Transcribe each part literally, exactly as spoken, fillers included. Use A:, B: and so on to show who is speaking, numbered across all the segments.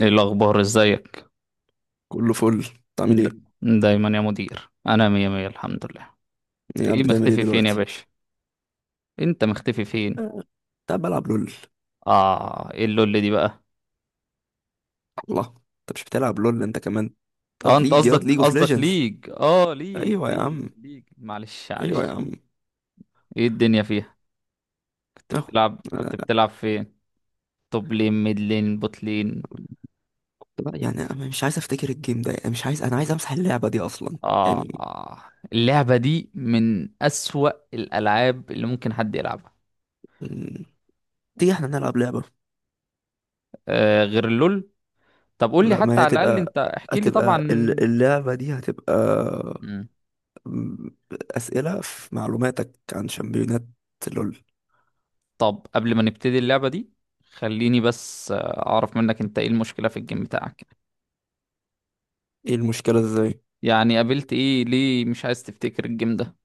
A: ايه الاخبار؟ ازيك؟
B: كله فل، انت عامل
A: د-
B: ايه؟
A: دايما يا مدير، انا مية مية، الحمد لله.
B: ايه قاعد
A: ايه؟
B: بتعمل ايه
A: مختفي فين يا
B: دلوقتي؟
A: باشا؟ انت مختفي فين؟
B: آه، كنت قاعد بلعب لول.
A: اه، ايه اللول دي بقى؟
B: الله. انت مش بتلعب لول انت كمان؟
A: اه،
B: ياض
A: انت
B: ليج ياض
A: قصدك
B: ليج اوف
A: قصدك
B: ليجندز.
A: ليج، اه ليج
B: ايوه يا
A: ليج
B: عم،
A: ليج معلش
B: ايوه يا
A: معلش.
B: عم.
A: ايه الدنيا فيها؟ كنت
B: اهو.
A: بتلعب كنت
B: آه.
A: بتلعب فين؟ توب لين، ميد لين، بوت لين.
B: لا، يعني انا مش عايز افتكر الجيم ده، يعني مش عايز، انا عايز امسح اللعبه دي اصلا،
A: اه.
B: يعني.
A: آه. اللعبة دي من اسوأ الالعاب اللي ممكن حد يلعبها.
B: مم، تيجي احنا نلعب لعبه.
A: آه، غير اللول. طب قول لي
B: لا، ما
A: حتى
B: هي
A: على الاقل،
B: هتبقى،
A: انت احكي لي طبعا.
B: هتبقى ال- اللعبه دي هتبقى. مم، اسئله في معلوماتك عن شامبيونات، لول.
A: طب قبل ما نبتدي اللعبة دي، خليني بس آه، أعرف منك أنت، إيه المشكلة في الجيم بتاعك؟
B: ايه المشكله ازاي؟
A: يعني قابلت إيه؟ ليه مش عايز تفتكر الجيم ده؟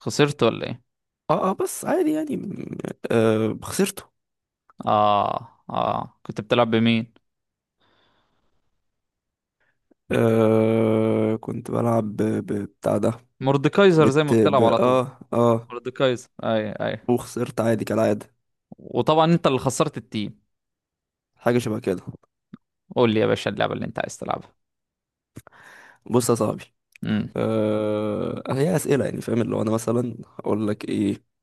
A: خسرت ولا إيه؟
B: اه اه، بس عادي يعني م- آه خسرته.
A: آه آه، كنت بتلعب بمين؟
B: آه كنت بلعب ب- ب- بتاع ده.
A: مورديكايزر زي ما
B: بت ب
A: بتلعب على طول؟
B: اه اه
A: مورديكايزر؟ أي أي.
B: وخسرت عادي كالعادة.
A: وطبعا أنت اللي خسرت التيم.
B: حاجة شبه كده.
A: قول لي يا باشا اللعبة اللي أنت عايز تلعبها.
B: بص يا صاحبي،
A: امم.
B: آه هي أسئلة، يعني فاهم، اللي هو أنا مثلا هقول لك إيه،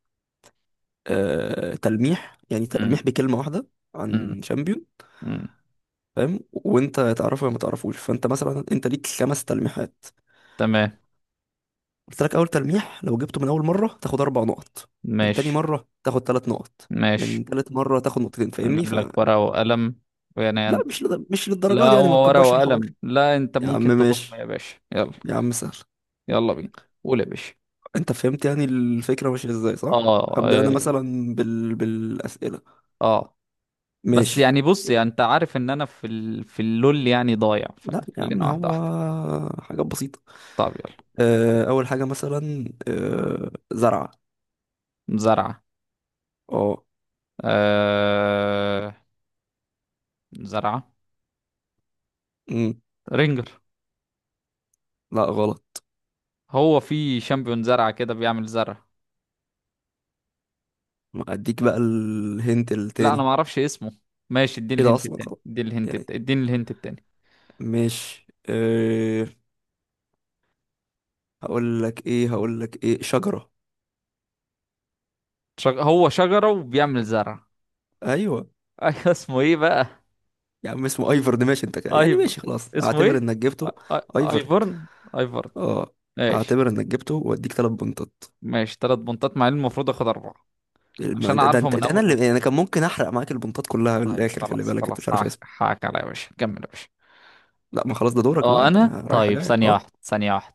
B: آه تلميح، يعني تلميح
A: امم.
B: بكلمة واحدة
A: امم.
B: عن شامبيون.
A: امم.
B: فاهم، وأنت تعرفه يا ما تعرفوش، فأنت مثلا أنت ليك خمس تلميحات.
A: تمام.
B: قلت لك، اول تلميح لو جبته من اول مره تاخد اربع نقط، من تاني
A: ماشي.
B: مره تاخد ثلاث نقط،
A: ماشي.
B: من تالت مره تاخد نقطتين. فاهمني
A: هنجيب
B: فلا؟
A: لك ورقة وقلم، ويعني أنت.
B: مش لد... مش للدرجه
A: لا،
B: دي، يعني ما
A: هو ورقة
B: تكبرش الحوار.
A: وقلم؟ لا، أنت
B: يا عم
A: ممكن تقوم يا
B: ماشي،
A: باشا، يلا.
B: يا عم سهل.
A: يلا بينا. قول يا باشا.
B: انت فهمت يعني الفكره ماشيه ازاي،
A: اه
B: صح؟ ابدا، انا
A: اه.
B: مثلا بال... بالاسئله.
A: آه. بس
B: ماشي.
A: يعني، بص يعني انت عارف ان انا في ال... في اللول يعني ضايع،
B: لا يا عم،
A: فخلينا واحده
B: هو
A: واحده.
B: حاجات بسيطه.
A: طب يلا.
B: آه، اول حاجه مثلا، آه، زرعه.
A: زرعه.
B: اه.
A: آه... زرعه؟
B: أمم،
A: رينجر؟
B: لا غلط.
A: هو في شامبيون زرعه كده بيعمل زرع؟
B: ما اديك بقى الهنت
A: لا، انا
B: التاني.
A: ما اعرفش اسمه. ماشي، اديني
B: ايه ده
A: الهنت
B: اصلا،
A: التاني،
B: خلاص.
A: اديني الهنت
B: يعني
A: التاني، اديني الهنت التاني.
B: مش أه... هقول لك ايه هقول لك ايه شجرة.
A: شج... هو شجره وبيعمل زرع؟
B: ايوه
A: ايوه، اسمه ايه بقى؟
B: يا عم، اسمه ايفرد. ماشي انت كده. يعني
A: ايفر.
B: ماشي خلاص،
A: اسمه
B: اعتبر
A: ايه؟
B: انك
A: آ-
B: جبته.
A: آ-
B: ايفرد،
A: ايفرن. ايفرن.
B: اه.
A: ماشي.
B: اعتبر انك جبته واديك ثلاث بنطات.
A: ماشي، تلات بنطات، مع إن المفروض اخد اربعه، عشان
B: الم- ده
A: اعرفه
B: انت
A: من
B: ده انا
A: اول
B: اللي،
A: واحد.
B: يعني انا كان ممكن احرق معاك البنطات كلها من
A: طيب
B: الاخر. خلي
A: خلاص،
B: بالك انت
A: خلاص،
B: مش عارف
A: حقك
B: اسمه.
A: حقك عليا يا باشا، كمل يا باشا.
B: لا ما خلاص، ده دورك بقى،
A: اه،
B: انت
A: انا
B: رايحه
A: طيب،
B: جايه
A: ثانية
B: اه.
A: واحدة، ثانية واحدة.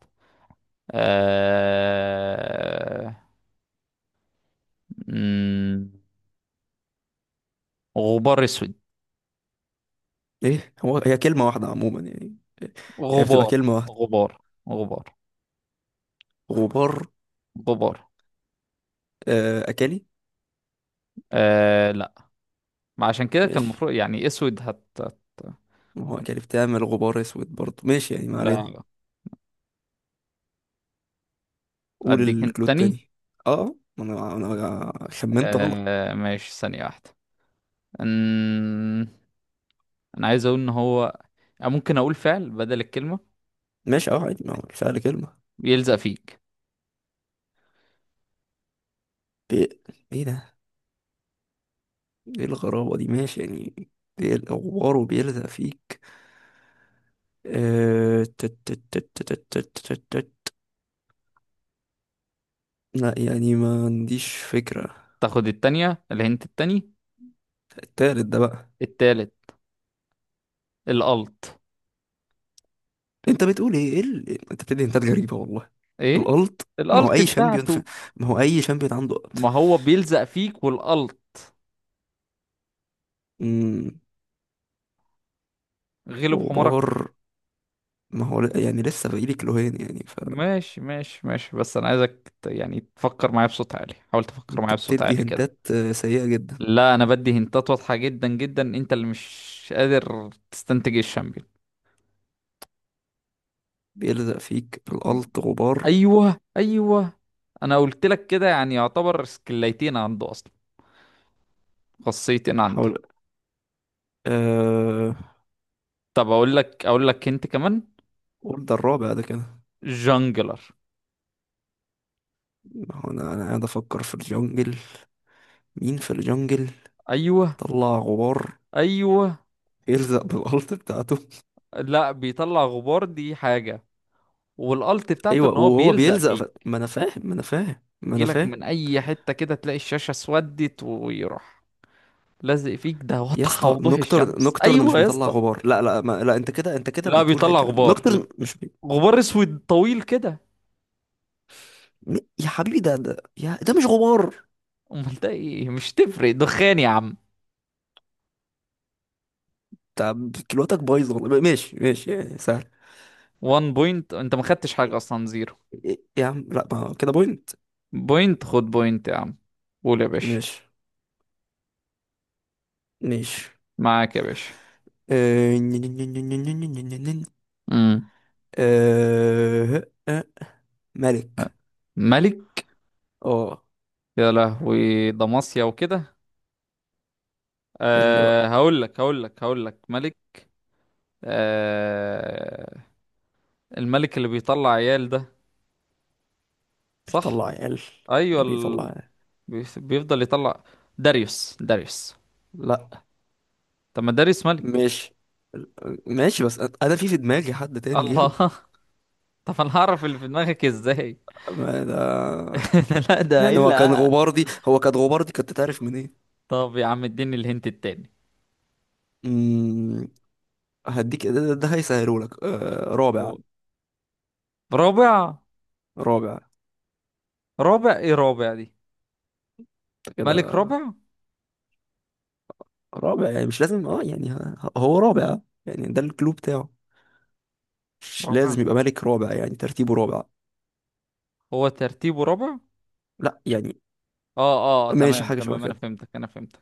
A: آه... مم، غبار اسود.
B: ايه هو، هي كلمه واحده عموما يعني. هي بتبقى
A: غبار.
B: كلمه واحده.
A: غبار. غبار.
B: غبار.
A: غبار.
B: آه اكلي.
A: آه... لا. ما عشان كده كان
B: ماشي،
A: المفروض يعني اسود هت... هت...
B: ما هو اكلي بتعمل غبار اسود برضه. ماشي يعني، ما علينا.
A: لا.
B: قول
A: اديك انت
B: الكلو
A: تاني.
B: التاني. اه، ما انا انا خمنت غلط.
A: آه... ماشي، ثانية واحدة. مم، انا عايز اقول ان هو، ممكن اقول فعل بدل الكلمة.
B: ماشي اه، عادي، ما هو الفعل كلمة.
A: يلزق فيك.
B: بي... ايه ده. ايه الغرابة دي؟ ماشي يعني. ايه الغبار وبيلزق فيك؟ آه، تت- تت- تت- تت- تت- تت- تت. لا يعني، ما عنديش فكرة.
A: تاخد التانية، الهنت التاني.
B: التالت ده بقى.
A: التالت. الألت.
B: انت بتقول ايه؟ ايه ال... انت بتدي انتات غريبة والله.
A: ايه
B: الالت. ما هو
A: الألت
B: اي شامبيون ف...
A: بتاعته؟
B: ما هو اي شامبيون عنده ألت.
A: ما هو بيلزق فيك والألت.
B: امم
A: غلب حمارك.
B: غبار. ما هو ل- يعني لسه باقيلي كلوهين يعني.
A: ماشي ماشي ماشي، بس انا عايزك ت- يعني تفكر معايا بصوت عالي، حاول تفكر
B: انت
A: معايا بصوت
B: بتدي
A: عالي كده.
B: هنتات آه، سيئة جدا.
A: لا، انا بدي هنتات واضحة جدا جدا، انت اللي مش قادر تستنتج الشامبيون.
B: بيلزق فيك القلط غبار.
A: ايوه ايوه. انا قلت لك كده، يعني يعتبر سكليتين عنده اصلا. خاصيتين عنده.
B: حاول. أه...
A: طب اقول لك، اقول لك انت كمان.
B: قول ده الرابع ده كده.
A: جانجلر.
B: ما هو انا، انا قاعد افكر في الجنجل، مين في الجنجل
A: ايوه.
B: بيطلع غبار
A: ايوه.
B: يلزق بالقلط بتاعته.
A: لا، بيطلع غبار دي حاجة، والالت بتاعته
B: ايوه،
A: ان هو
B: وهو
A: بيلزق
B: بيلزق ف...
A: فيه.
B: ما انا فاهم، ما انا فاهم، ما انا
A: يجيلك
B: فاهم.
A: من اي حتة كده تلاقي الشاشة اسودت ويروح لازق فيك. ده
B: يا
A: واضحة
B: اسطى،
A: وضوح
B: نوكتر
A: الشمس.
B: نوكترن مش
A: ايوه يا
B: بيطلع
A: اسطى.
B: غبار. لا لا ما... لا، انت كده انت كده
A: لا،
B: بتقول اي
A: بيطلع
B: كلام.
A: غبار.
B: نوكترن مش بي...
A: غبار اسود طويل كده.
B: م- يا حبيبي، ده ده يا... ده مش غبار.
A: امال ده ايه؟ مش تفرق، دخان يا عم.
B: طب كلوتك بايظه والله. ماشي ماشي، يعني سهل.
A: 1 بوينت، انت ما خدتش حاجة اصلا، زيرو
B: إيه، يا عم لا، ما كده بوينت.
A: بوينت. خد بوينت يا عم. قول يا باشا.
B: ماشي ماشي.
A: معاك يا باشا.
B: آه، نن- نن- نن- نن- نن- نن- نن- نن.
A: امم.
B: آه، آه، ملك.
A: ملك.
B: اه،
A: يا لهوي ده مصيا وكده.
B: حلو
A: أه،
B: بقى.
A: هقول لك هقول لك هقول لك ملك. آه. الملك اللي بيطلع عيال ده. صح.
B: بيطلع عيال.
A: ايوه
B: ايه بيطلع
A: ال...
B: عيال؟
A: بي- بيفضل يطلع. داريوس. داريوس.
B: لا.
A: طب ما داريوس ملك.
B: ماشي ماشي، بس أ- انا في في دماغي حد تاني غيره.
A: الله. طب انا هعرف اللي في دماغك ازاي؟
B: ما ده،
A: لا، ده
B: يعني هو كان
A: الا.
B: غباردي هو كان غباردي، كنت تعرف منين؟
A: طب يا عم اديني الهنت التاني.
B: مم، هديك ده, ده, ده هيسهلهولك، آه، رابع.
A: و- رابع.
B: رابع
A: رابع. ايه رابع دي؟ ملك
B: كده،
A: رابع.
B: رابع يعني مش لازم. اه يعني ه- هو رابع آه. يعني ده الكلوب بتاعه. مش
A: رابع.
B: لازم يبقى ملك رابع، يعني ترتيبه رابع.
A: هو ترتيبه رابع.
B: لا يعني.
A: اه اه،
B: ماشي،
A: تمام
B: حاجة شبه
A: تمام، انا
B: كده.
A: فهمتك انا فهمتك.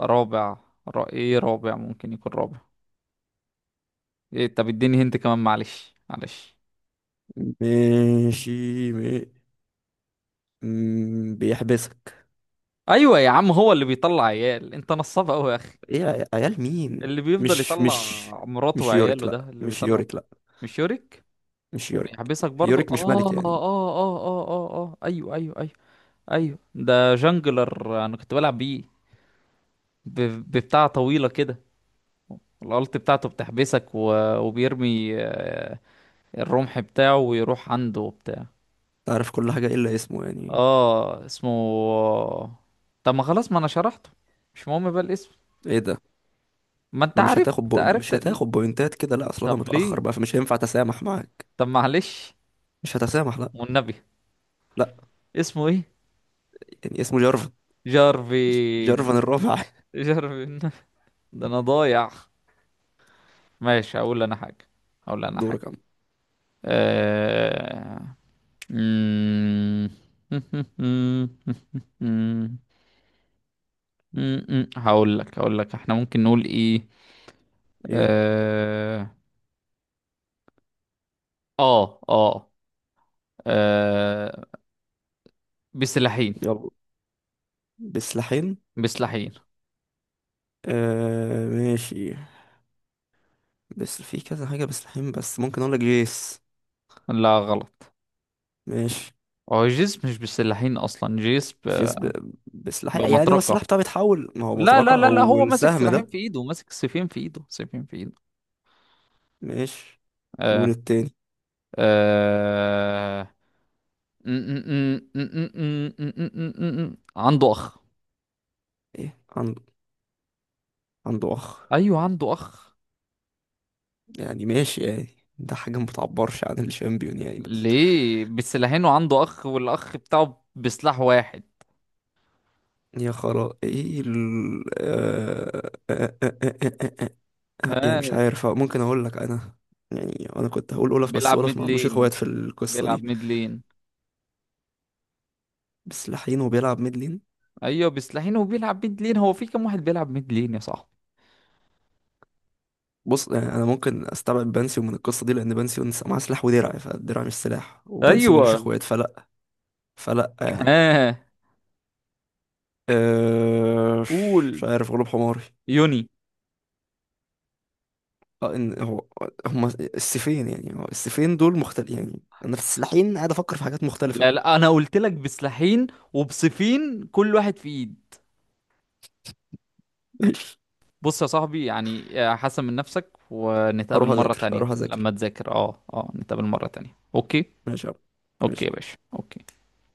A: رابع. را... ايه، رابع ممكن يكون رابع. إيه؟ طب اديني هنت كمان، معلش معلش.
B: ماشي. مي... مم، بيحبسك.
A: ايوه يا عم، هو اللي بيطلع عيال؟ انت نصاب قوي يا اخي.
B: ايه يا عيال مين؟
A: اللي بيفضل
B: مش
A: يطلع
B: مش
A: مراته
B: مش يوريك،
A: وعياله ده
B: لا،
A: اللي
B: مش
A: بيطلع.
B: يوريك، لا.
A: مش يوريك.
B: مش يوريك.
A: وبيحبسك برضو؟
B: يوريك مش
A: اه
B: ملك
A: اه
B: يعني.
A: اه اه اه اه، ايوه ايوه ايوه. ايوه ده جانجلر، انا كنت بلعب بيه. ب- ببتاع طويله كده. الالت بتاعته بتحبسك، و... وبيرمي آه، الرمح بتاعه، ويروح عنده وبتاع.
B: تعرف كل حاجة إلا اسمه يعني.
A: اه، اسمه. طب ما خلاص، ما انا شرحته، مش مهم بقى الاسم.
B: ايه ده.
A: ما انت
B: ما مش هتاخد
A: عرفت
B: بو...
A: عرفت
B: مش
A: ال-
B: هتاخد بوينتات كده، لا، اصل انا
A: طب
B: متأخر
A: ليه؟
B: بقى، فمش هينفع اتسامح معاك.
A: طب معلش،
B: مش هتسامح، لا.
A: والنبي.
B: لا
A: اسمه ايه؟
B: يعني اسمه جارفن،
A: جارفين.
B: جارفن الرابع.
A: جارفين. ده انا ضايع. ماشي، هقول انا حاجة. هقول انا حاجة.
B: دورك يا عم.
A: أه... مم. م-م. هقول لك هقول لك احنا ممكن نقول ايه.
B: ايه؟
A: اه. اه اه. آه، بسلاحين.
B: يلا. بسلاحين.
A: بسلاحين.
B: آه ماشي، بس في كذا حاجة بسلاحين، بس ممكن اقول لك جيس.
A: لا، غلط.
B: ماشي.
A: هو جسم مش بسلاحين اصلا، جسم.
B: جيس ب... بسلاح، يعني هو
A: بمطرقة.
B: السلاح بتاعه بيتحول، ما هو
A: لا لا
B: مطرقة
A: لا لا،
B: او
A: هو ماسك
B: السهم
A: سلاحين
B: ده.
A: في ايده، ماسك سيفين في ايده، سيفين في ايده.
B: ماشي.
A: آه.
B: وللتاني.
A: آه. م- م- م- م- م- م- م- م- عنده اخ.
B: ايه عنده؟ عنده اخ.
A: ايوه عنده اخ.
B: يعني ماشي يعني، ده حاجة ما بتعبرش عن الشامبيون يعني، بس.
A: ليه بسلاحين وعنده اخ والاخ بتاعه بسلاح واحد؟
B: يا خرا، ايه ال... آه... آه... آه... آه... آه... آه... آه، آه، يعني مش
A: ها؟
B: عارف. آه، ممكن اقول لك انا، يعني انا كنت هقول اولف، بس
A: بيلعب
B: اولف
A: ميد
B: ما عندوش
A: لين.
B: اخوات في القصه
A: بيلعب
B: دي.
A: ميد لين.
B: بس لحين، وبيلعب ميد لين.
A: ايوه، بسلاحين وبيلعب ميد لين، هو في كام واحد بيلعب ميد لين يا صاحبي؟
B: بص، يعني انا ممكن استبعد بانسيو من القصه دي، لان بانسيو نس- معاه سلاح ودرع، فالدرع مش سلاح، وبانسيو ملوش
A: ايوه.
B: اخوات فلا، فلا يعني.
A: ها.
B: أه مش
A: قول.
B: عارف، غلوب حماري.
A: يوني.
B: اه، ان هو، هما السيفين يعني، هو السيفين دول مختلف يعني. انا في السلاحين قاعد افكر في حاجات مختلفه.
A: لا لا، انا قلت لك بسلاحين وبسيفين، كل واحد في ايد.
B: ماشي.
A: بص يا صاحبي، يعني آه، حسن من نفسك، ونتقابل
B: هروح
A: مرة
B: اذاكر،
A: تانية
B: هروح اذاكر.
A: لما تذاكر، اه اه نتقابل مرة تانية، اوكي؟
B: ماشي يا عم.
A: اوكي يا
B: ماشي
A: باشا، اوكي.